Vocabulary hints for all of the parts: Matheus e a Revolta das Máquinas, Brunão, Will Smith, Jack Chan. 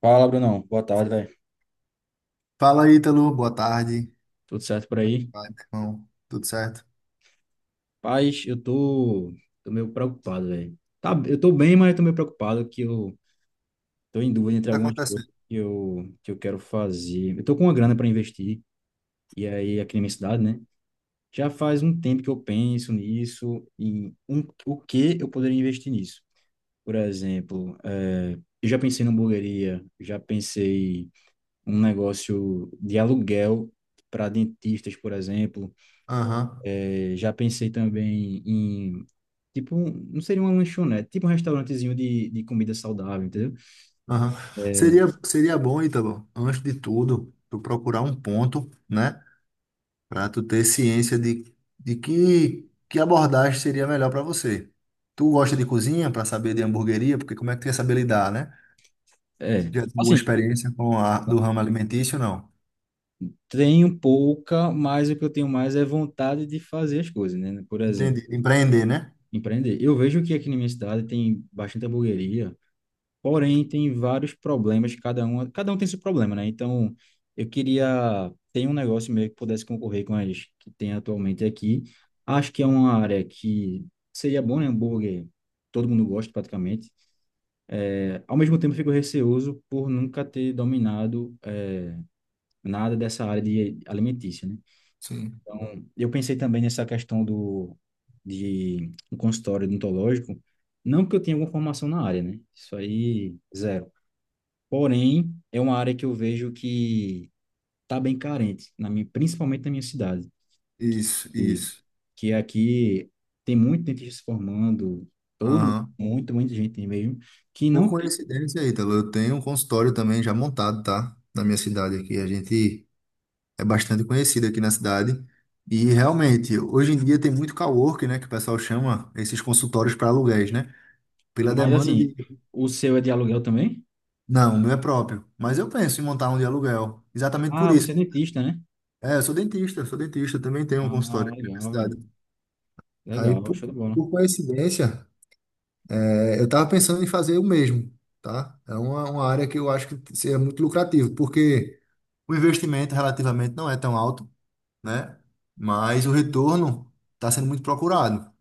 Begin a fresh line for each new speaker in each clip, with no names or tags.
Fala, Brunão. Boa tarde, velho.
Fala, Ítalo. Boa tarde.
Tudo certo por aí?
Vai, meu irmão. Tudo certo?
Paz, eu tô meio preocupado, velho. Tá, eu tô bem, mas eu tô meio preocupado que eu tô em dúvida entre
Tá
algumas coisas
acontecendo.
que eu quero fazer. Eu tô com uma grana para investir, e aí aqui na minha cidade, né? Já faz um tempo que eu penso nisso e o que eu poderia investir nisso. Por exemplo, eu já pensei numa hamburgueria, já pensei em um negócio de aluguel para dentistas, por exemplo.
Aham,
É, já pensei também em, tipo, não seria uma lanchonete, tipo um restaurantezinho de comida saudável, entendeu?
aham.
É,
Seria bom, Ítalo, antes de tudo, tu procurar um ponto, né? Pra tu ter ciência de que abordagem seria melhor pra você. Tu gosta de cozinha pra saber de hamburgueria? Porque como é que tu ia saber lidar, né?
é,
Já tem alguma
assim,
experiência com a do ramo alimentício, não?
tenho pouca, mas o que eu tenho mais é vontade de fazer as coisas, né? Por exemplo,
Entendi. Empreender, né?
empreender. Eu vejo que aqui na minha cidade tem bastante hamburgueria, porém, tem vários problemas, cada um tem seu problema, né? Então, eu queria ter um negócio meio que pudesse concorrer com as que tem atualmente aqui. Acho que é uma área que seria bom, né? Hambúrguer, todo mundo gosta praticamente. É, ao mesmo tempo, eu fico receoso por nunca ter dominado nada dessa área de alimentícia, né?
Sim.
Então, eu pensei também nessa questão do de um consultório odontológico, não que eu tenha alguma formação na área, né? Isso aí, zero. Porém, é uma área que eu vejo que está bem carente, principalmente na minha cidade,
Isso,
e
isso.
que é aqui tem muito dentista se formando,
Aham.
muita gente tem mesmo, que
Por
não tem.
coincidência, Ítalo, eu tenho um consultório também já montado, tá? Na minha cidade aqui. A gente é bastante conhecido aqui na cidade. E realmente, hoje em dia tem muito coworking, né? Que o pessoal chama esses consultórios para aluguéis, né? Pela
Mas
demanda
assim,
de.
o seu é de aluguel também?
Não, o meu é próprio. Mas eu penso em montar um de aluguel. Exatamente por
Ah, você é
isso.
dentista, né?
É, eu sou dentista, também tenho um consultório
Ah,
aqui na
legal,
minha
velho.
cidade. Aí,
Legal,
por,
show de bola.
por coincidência, é, eu tava pensando em fazer o mesmo, tá? É uma área que eu acho que seria muito lucrativo, porque. O investimento relativamente não é tão alto, né? Mas o retorno está sendo muito procurado.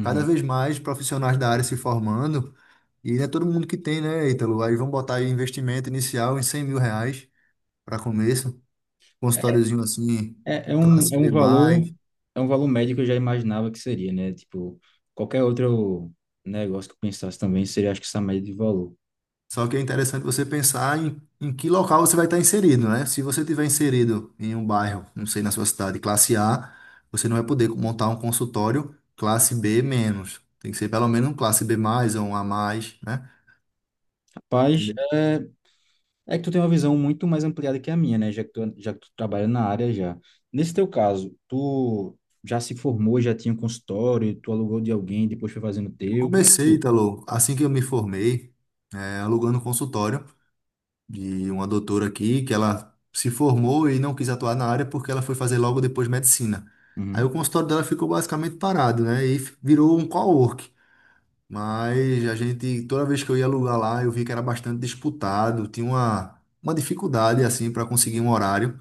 Cada vez mais profissionais da área se formando, e não é todo mundo que tem, né, Ítalo? Aí vão botar aí investimento inicial em R$ 100.000 para começo, consultóriozinho assim,
É, é um, é
classe
um
B+.
valor, é um valor médio que eu já imaginava que seria, né? Tipo, qualquer outro negócio que eu pensasse também seria, acho que essa média de valor.
Só que é interessante você pensar em que local você vai estar inserido, né? Se você tiver inserido em um bairro, não sei, na sua cidade, classe A, você não vai poder montar um consultório classe B menos. Tem que ser pelo menos um classe B mais ou um A mais, né?
Rapaz,
Entendeu?
é que tu tem uma visão muito mais ampliada que a minha, né? Já que tu trabalha na área já. Nesse teu caso, tu já se formou, já tinha um consultório, tu alugou de alguém, depois foi fazendo o
Eu
teu. Como é que
comecei,
tu?
Italo, assim que eu me formei, é, alugando um consultório de uma doutora aqui, que ela se formou e não quis atuar na área porque ela foi fazer logo depois medicina. Aí o
Uhum,
consultório dela ficou basicamente parado, né? E f- virou um co Mas a gente, toda vez que eu ia alugar lá, eu vi que era bastante disputado, tinha uma dificuldade assim para conseguir um horário.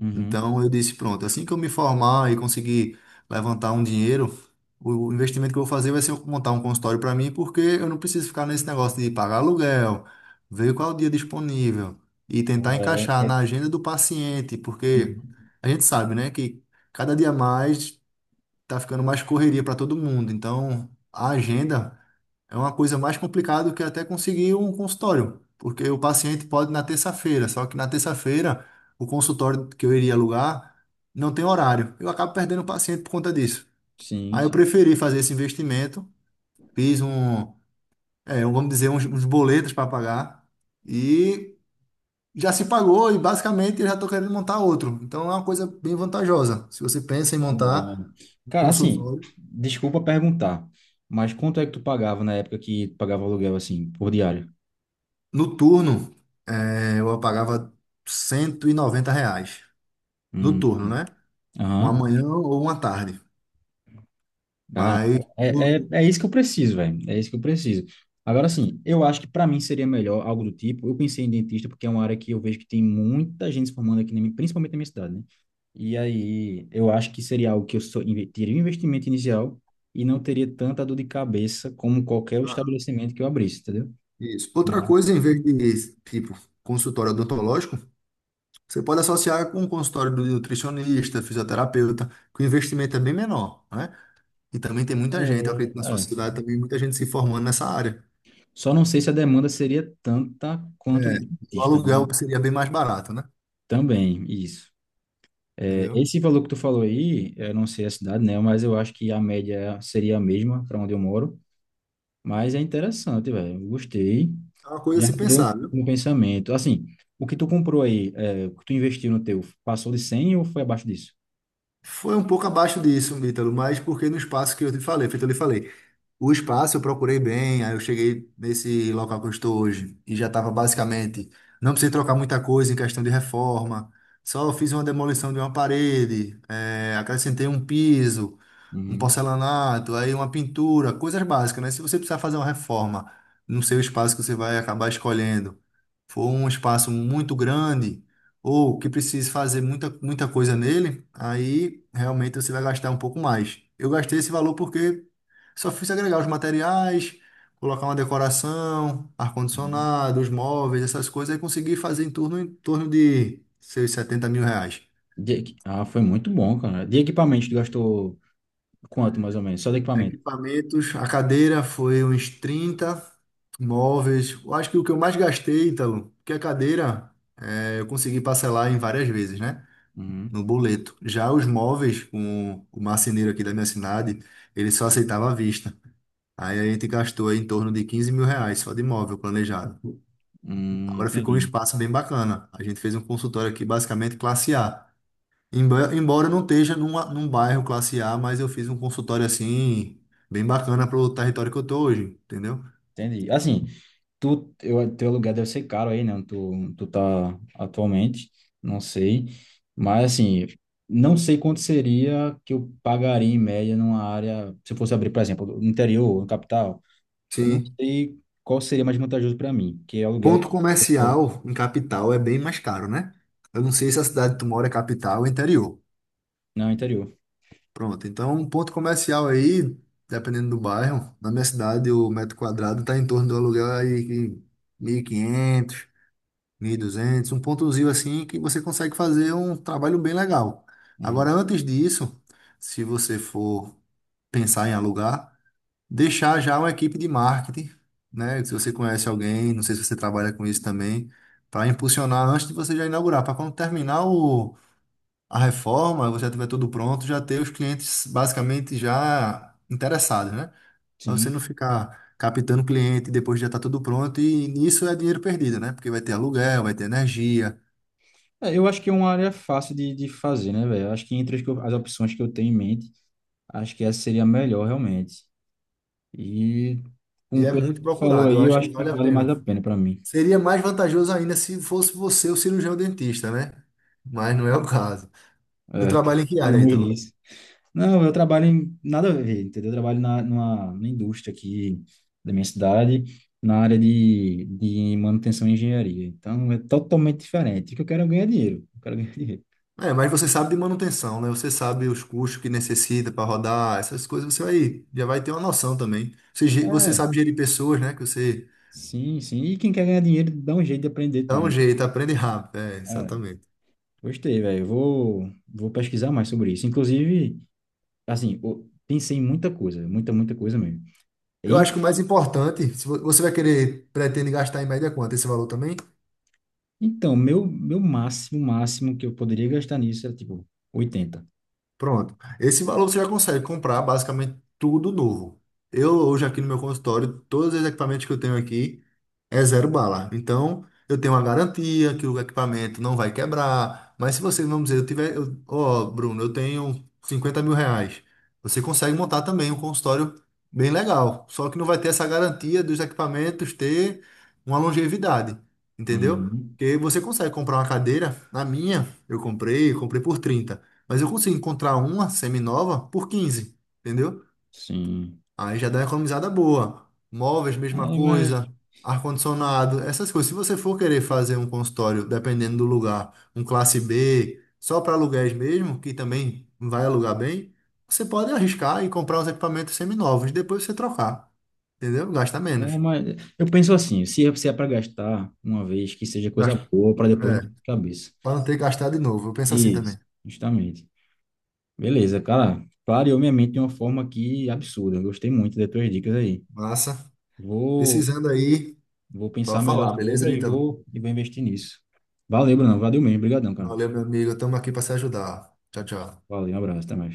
uhum.
Então eu disse, pronto, assim que eu me formar e conseguir levantar um dinheiro, o investimento que eu vou fazer vai ser eu montar um consultório para mim, porque eu não preciso ficar nesse negócio de pagar aluguel, ver qual é o dia disponível e tentar
É,
encaixar na agenda do paciente, porque
uhum.
a gente sabe, né, que cada dia mais tá ficando mais correria para todo mundo. Então, a agenda é uma coisa mais complicada do que até conseguir um consultório, porque o paciente pode ir na terça-feira, só que na terça-feira o consultório que eu iria alugar não tem horário. Eu acabo perdendo o paciente por conta disso.
Sim,
Aí eu
sim.
preferi fazer esse investimento, fiz um, é, vamos dizer, uns boletos para pagar e já se pagou e basicamente eu já estou querendo montar outro. Então é uma coisa bem vantajosa. Se você pensa em
Legal, né?
montar um
Cara, assim,
consultório,
desculpa perguntar, mas quanto é que tu pagava na época que tu pagava aluguel, assim, por diário?
no turno, é, eu pagava R$ 190.
Hum,
Noturno, né? Uma
Aham.
manhã ou uma tarde.
Cara,
Mas. o-
é, é,
o-
é isso que eu preciso, velho. É isso que eu preciso. Agora, assim, eu acho que para mim seria melhor algo do tipo. Eu pensei em dentista porque é uma área que eu vejo que tem muita gente se formando aqui, principalmente na minha cidade, né? E aí, eu acho que seria algo que eu teria um investimento inicial e não teria tanta dor de cabeça como qualquer
ah,
estabelecimento que eu abrisse, entendeu?
Isso.
Mas,
Outra coisa, em vez de, tipo, consultório odontológico, você pode associar com o consultório do nutricionista, fisioterapeuta, que o investimento é bem menor, né? E também tem
é,
muita gente, eu acredito, na sua
é.
cidade também, muita gente se formando nessa área.
Só não sei se a demanda seria tanta quanto de
O
dentista, né?
aluguel seria bem mais barato, né?
Também, isso. É,
Entendeu?
esse valor que tu falou aí, eu não sei a cidade, né? Mas eu acho que a média seria a mesma para onde eu moro. Mas é interessante, velho. Eu gostei.
É uma coisa a
Já
se
mudou
pensar,
o
viu?
meu pensamento. Assim, o que tu comprou aí, o que tu investiu no teu, passou de 100 ou foi abaixo disso?
Foi um pouco abaixo disso, Ítalo, mas porque no espaço que eu te falei, feito eu lhe falei, o espaço eu procurei bem, aí eu cheguei nesse local que eu estou hoje e já estava basicamente, não precisei trocar muita coisa em questão de reforma, só fiz uma demolição de uma parede, acrescentei um piso, um
Uhum.
porcelanato, aí uma pintura, coisas básicas, né? Se você precisar fazer uma reforma no seu espaço que você vai acabar escolhendo, for um espaço muito grande, ou que precise fazer muita, muita coisa nele, aí realmente você vai gastar um pouco mais. Eu gastei esse valor porque só fiz agregar os materiais, colocar uma decoração,
Uhum.
ar-condicionado, os móveis, essas coisas, e consegui fazer em torno de seus R$ 70.000.
Foi muito bom, cara. De equipamento, tu gastou quanto mais ou menos? Só de equipamento?
Equipamentos, a cadeira foi uns 30 móveis. Eu acho que o que eu mais gastei, Ítalo, porque a cadeira eu consegui parcelar em várias vezes, né?
Uhum.
No boleto. Já os móveis, com o marceneiro aqui da minha cidade, ele só aceitava à vista. Aí a gente gastou aí em torno de R$ 15.000 só de móvel planejado. Agora ficou um
Entendi.
espaço bem bacana. A gente fez um consultório aqui basicamente classe A. Embora eu não esteja num bairro classe A, mas eu fiz um consultório assim, bem bacana para o território que eu tô hoje, entendeu?
Entendi. Assim, teu aluguel deve ser caro aí, né? Onde tu tá atualmente, não sei. Mas, assim, não sei quanto seria que eu pagaria em média numa área, se eu fosse abrir, por exemplo, no interior, no capital. Eu não
Sim.
sei qual seria mais vantajoso para mim, que é aluguel
Ponto comercial em capital é bem mais caro, né? Eu não sei se a cidade que tu mora é capital ou interior.
no interior.
Pronto, então um ponto comercial aí, dependendo do bairro, na minha cidade o metro quadrado está em torno do aluguel aí que 1.500, 1.200. Um pontozinho assim que você consegue fazer um trabalho bem legal. Agora,
Uhum.
antes disso, se você for pensar em alugar, deixar já uma equipe de marketing, né? Se você conhece alguém, não sei se você trabalha com isso também, para impulsionar antes de você já inaugurar, para quando terminar o, a reforma, você já tiver tudo pronto, já ter os clientes basicamente já interessados, né? Para você
Sim.
não ficar captando cliente depois já está tudo pronto e isso é dinheiro perdido, né? Porque vai ter aluguel, vai ter energia
É, eu acho que é uma área fácil de fazer, né, velho? Acho que entre as opções que eu tenho em mente, acho que essa seria a melhor, realmente. E, como
e
o
é
Pedro
muito
falou
procurado. Eu
aí, eu
acho que
acho que
vale a
vale mais a
pena.
pena para mim.
Seria mais vantajoso ainda se fosse você o cirurgião dentista, né? Mas não é o caso. Tu
É,
trabalha em que
tá
área aí,
longe
Ítalo?
disso. Não, eu trabalho em nada a ver, entendeu? Eu trabalho numa indústria aqui da minha cidade, na área de manutenção e engenharia. Então, é totalmente diferente. O que eu quero é ganhar dinheiro. Eu quero ganhar dinheiro.
É, mas você sabe de manutenção, né? Você sabe os custos que necessita para rodar, essas coisas, você vai, já vai ter uma noção também. Você, você
É,
sabe gerir pessoas, né? Que você
sim, sim. E quem quer ganhar dinheiro, dá um jeito de aprender
dá
tudo.
um jeito, aprende rápido. É,
É,
exatamente.
gostei, velho. Eu vou pesquisar mais sobre isso. Inclusive, assim, eu pensei em muita coisa, muita, muita coisa mesmo.
Eu
E-
acho que o mais importante, se você vai querer, pretende gastar em média quanto esse valor também?
Então, meu máximo, máximo que eu poderia gastar nisso era, tipo, 80.
Pronto. Esse valor você já consegue comprar basicamente tudo novo. Eu hoje aqui no meu consultório, todos os equipamentos que eu tenho aqui é zero bala. Então, eu tenho uma garantia que o equipamento não vai quebrar. Mas se você, vamos dizer, ó, Bruno, eu tenho R$ 50.000. Você consegue montar também um consultório bem legal. Só que não vai ter essa garantia dos equipamentos ter uma longevidade. Entendeu?
Uhum,
Porque você consegue comprar uma cadeira. Na minha, comprei por trinta, mas eu consigo encontrar uma semi nova por 15, entendeu?
sim.
Aí já dá uma economizada boa. Móveis, mesma
É, mas,
coisa. Ar-condicionado, essas coisas. Se você for querer fazer um consultório, dependendo do lugar, um classe B, só para aluguéis mesmo, que também vai alugar bem, você pode arriscar e comprar uns equipamentos semi novos, depois você trocar, entendeu? Gasta
é,
menos.
mas eu penso assim, se é para gastar uma vez, que seja coisa
Gasta,
boa para depois não ter
é,
cabeça.
para não ter que gastar de novo. Eu penso assim
Isso,
também.
justamente. Beleza, cara. Clareou minha mente de uma forma que absurda. Eu gostei muito das tuas dicas aí.
Massa.
Vou,
Precisando aí,
vou pensar
pode
melhor
falar, beleza
sobre
aí.
e vou investir nisso. Valeu, Bruno. Valeu mesmo. Obrigadão, cara.
Valeu, meu amigo. Estamos aqui para se ajudar. Tchau, tchau.
Valeu, um abraço, até mais.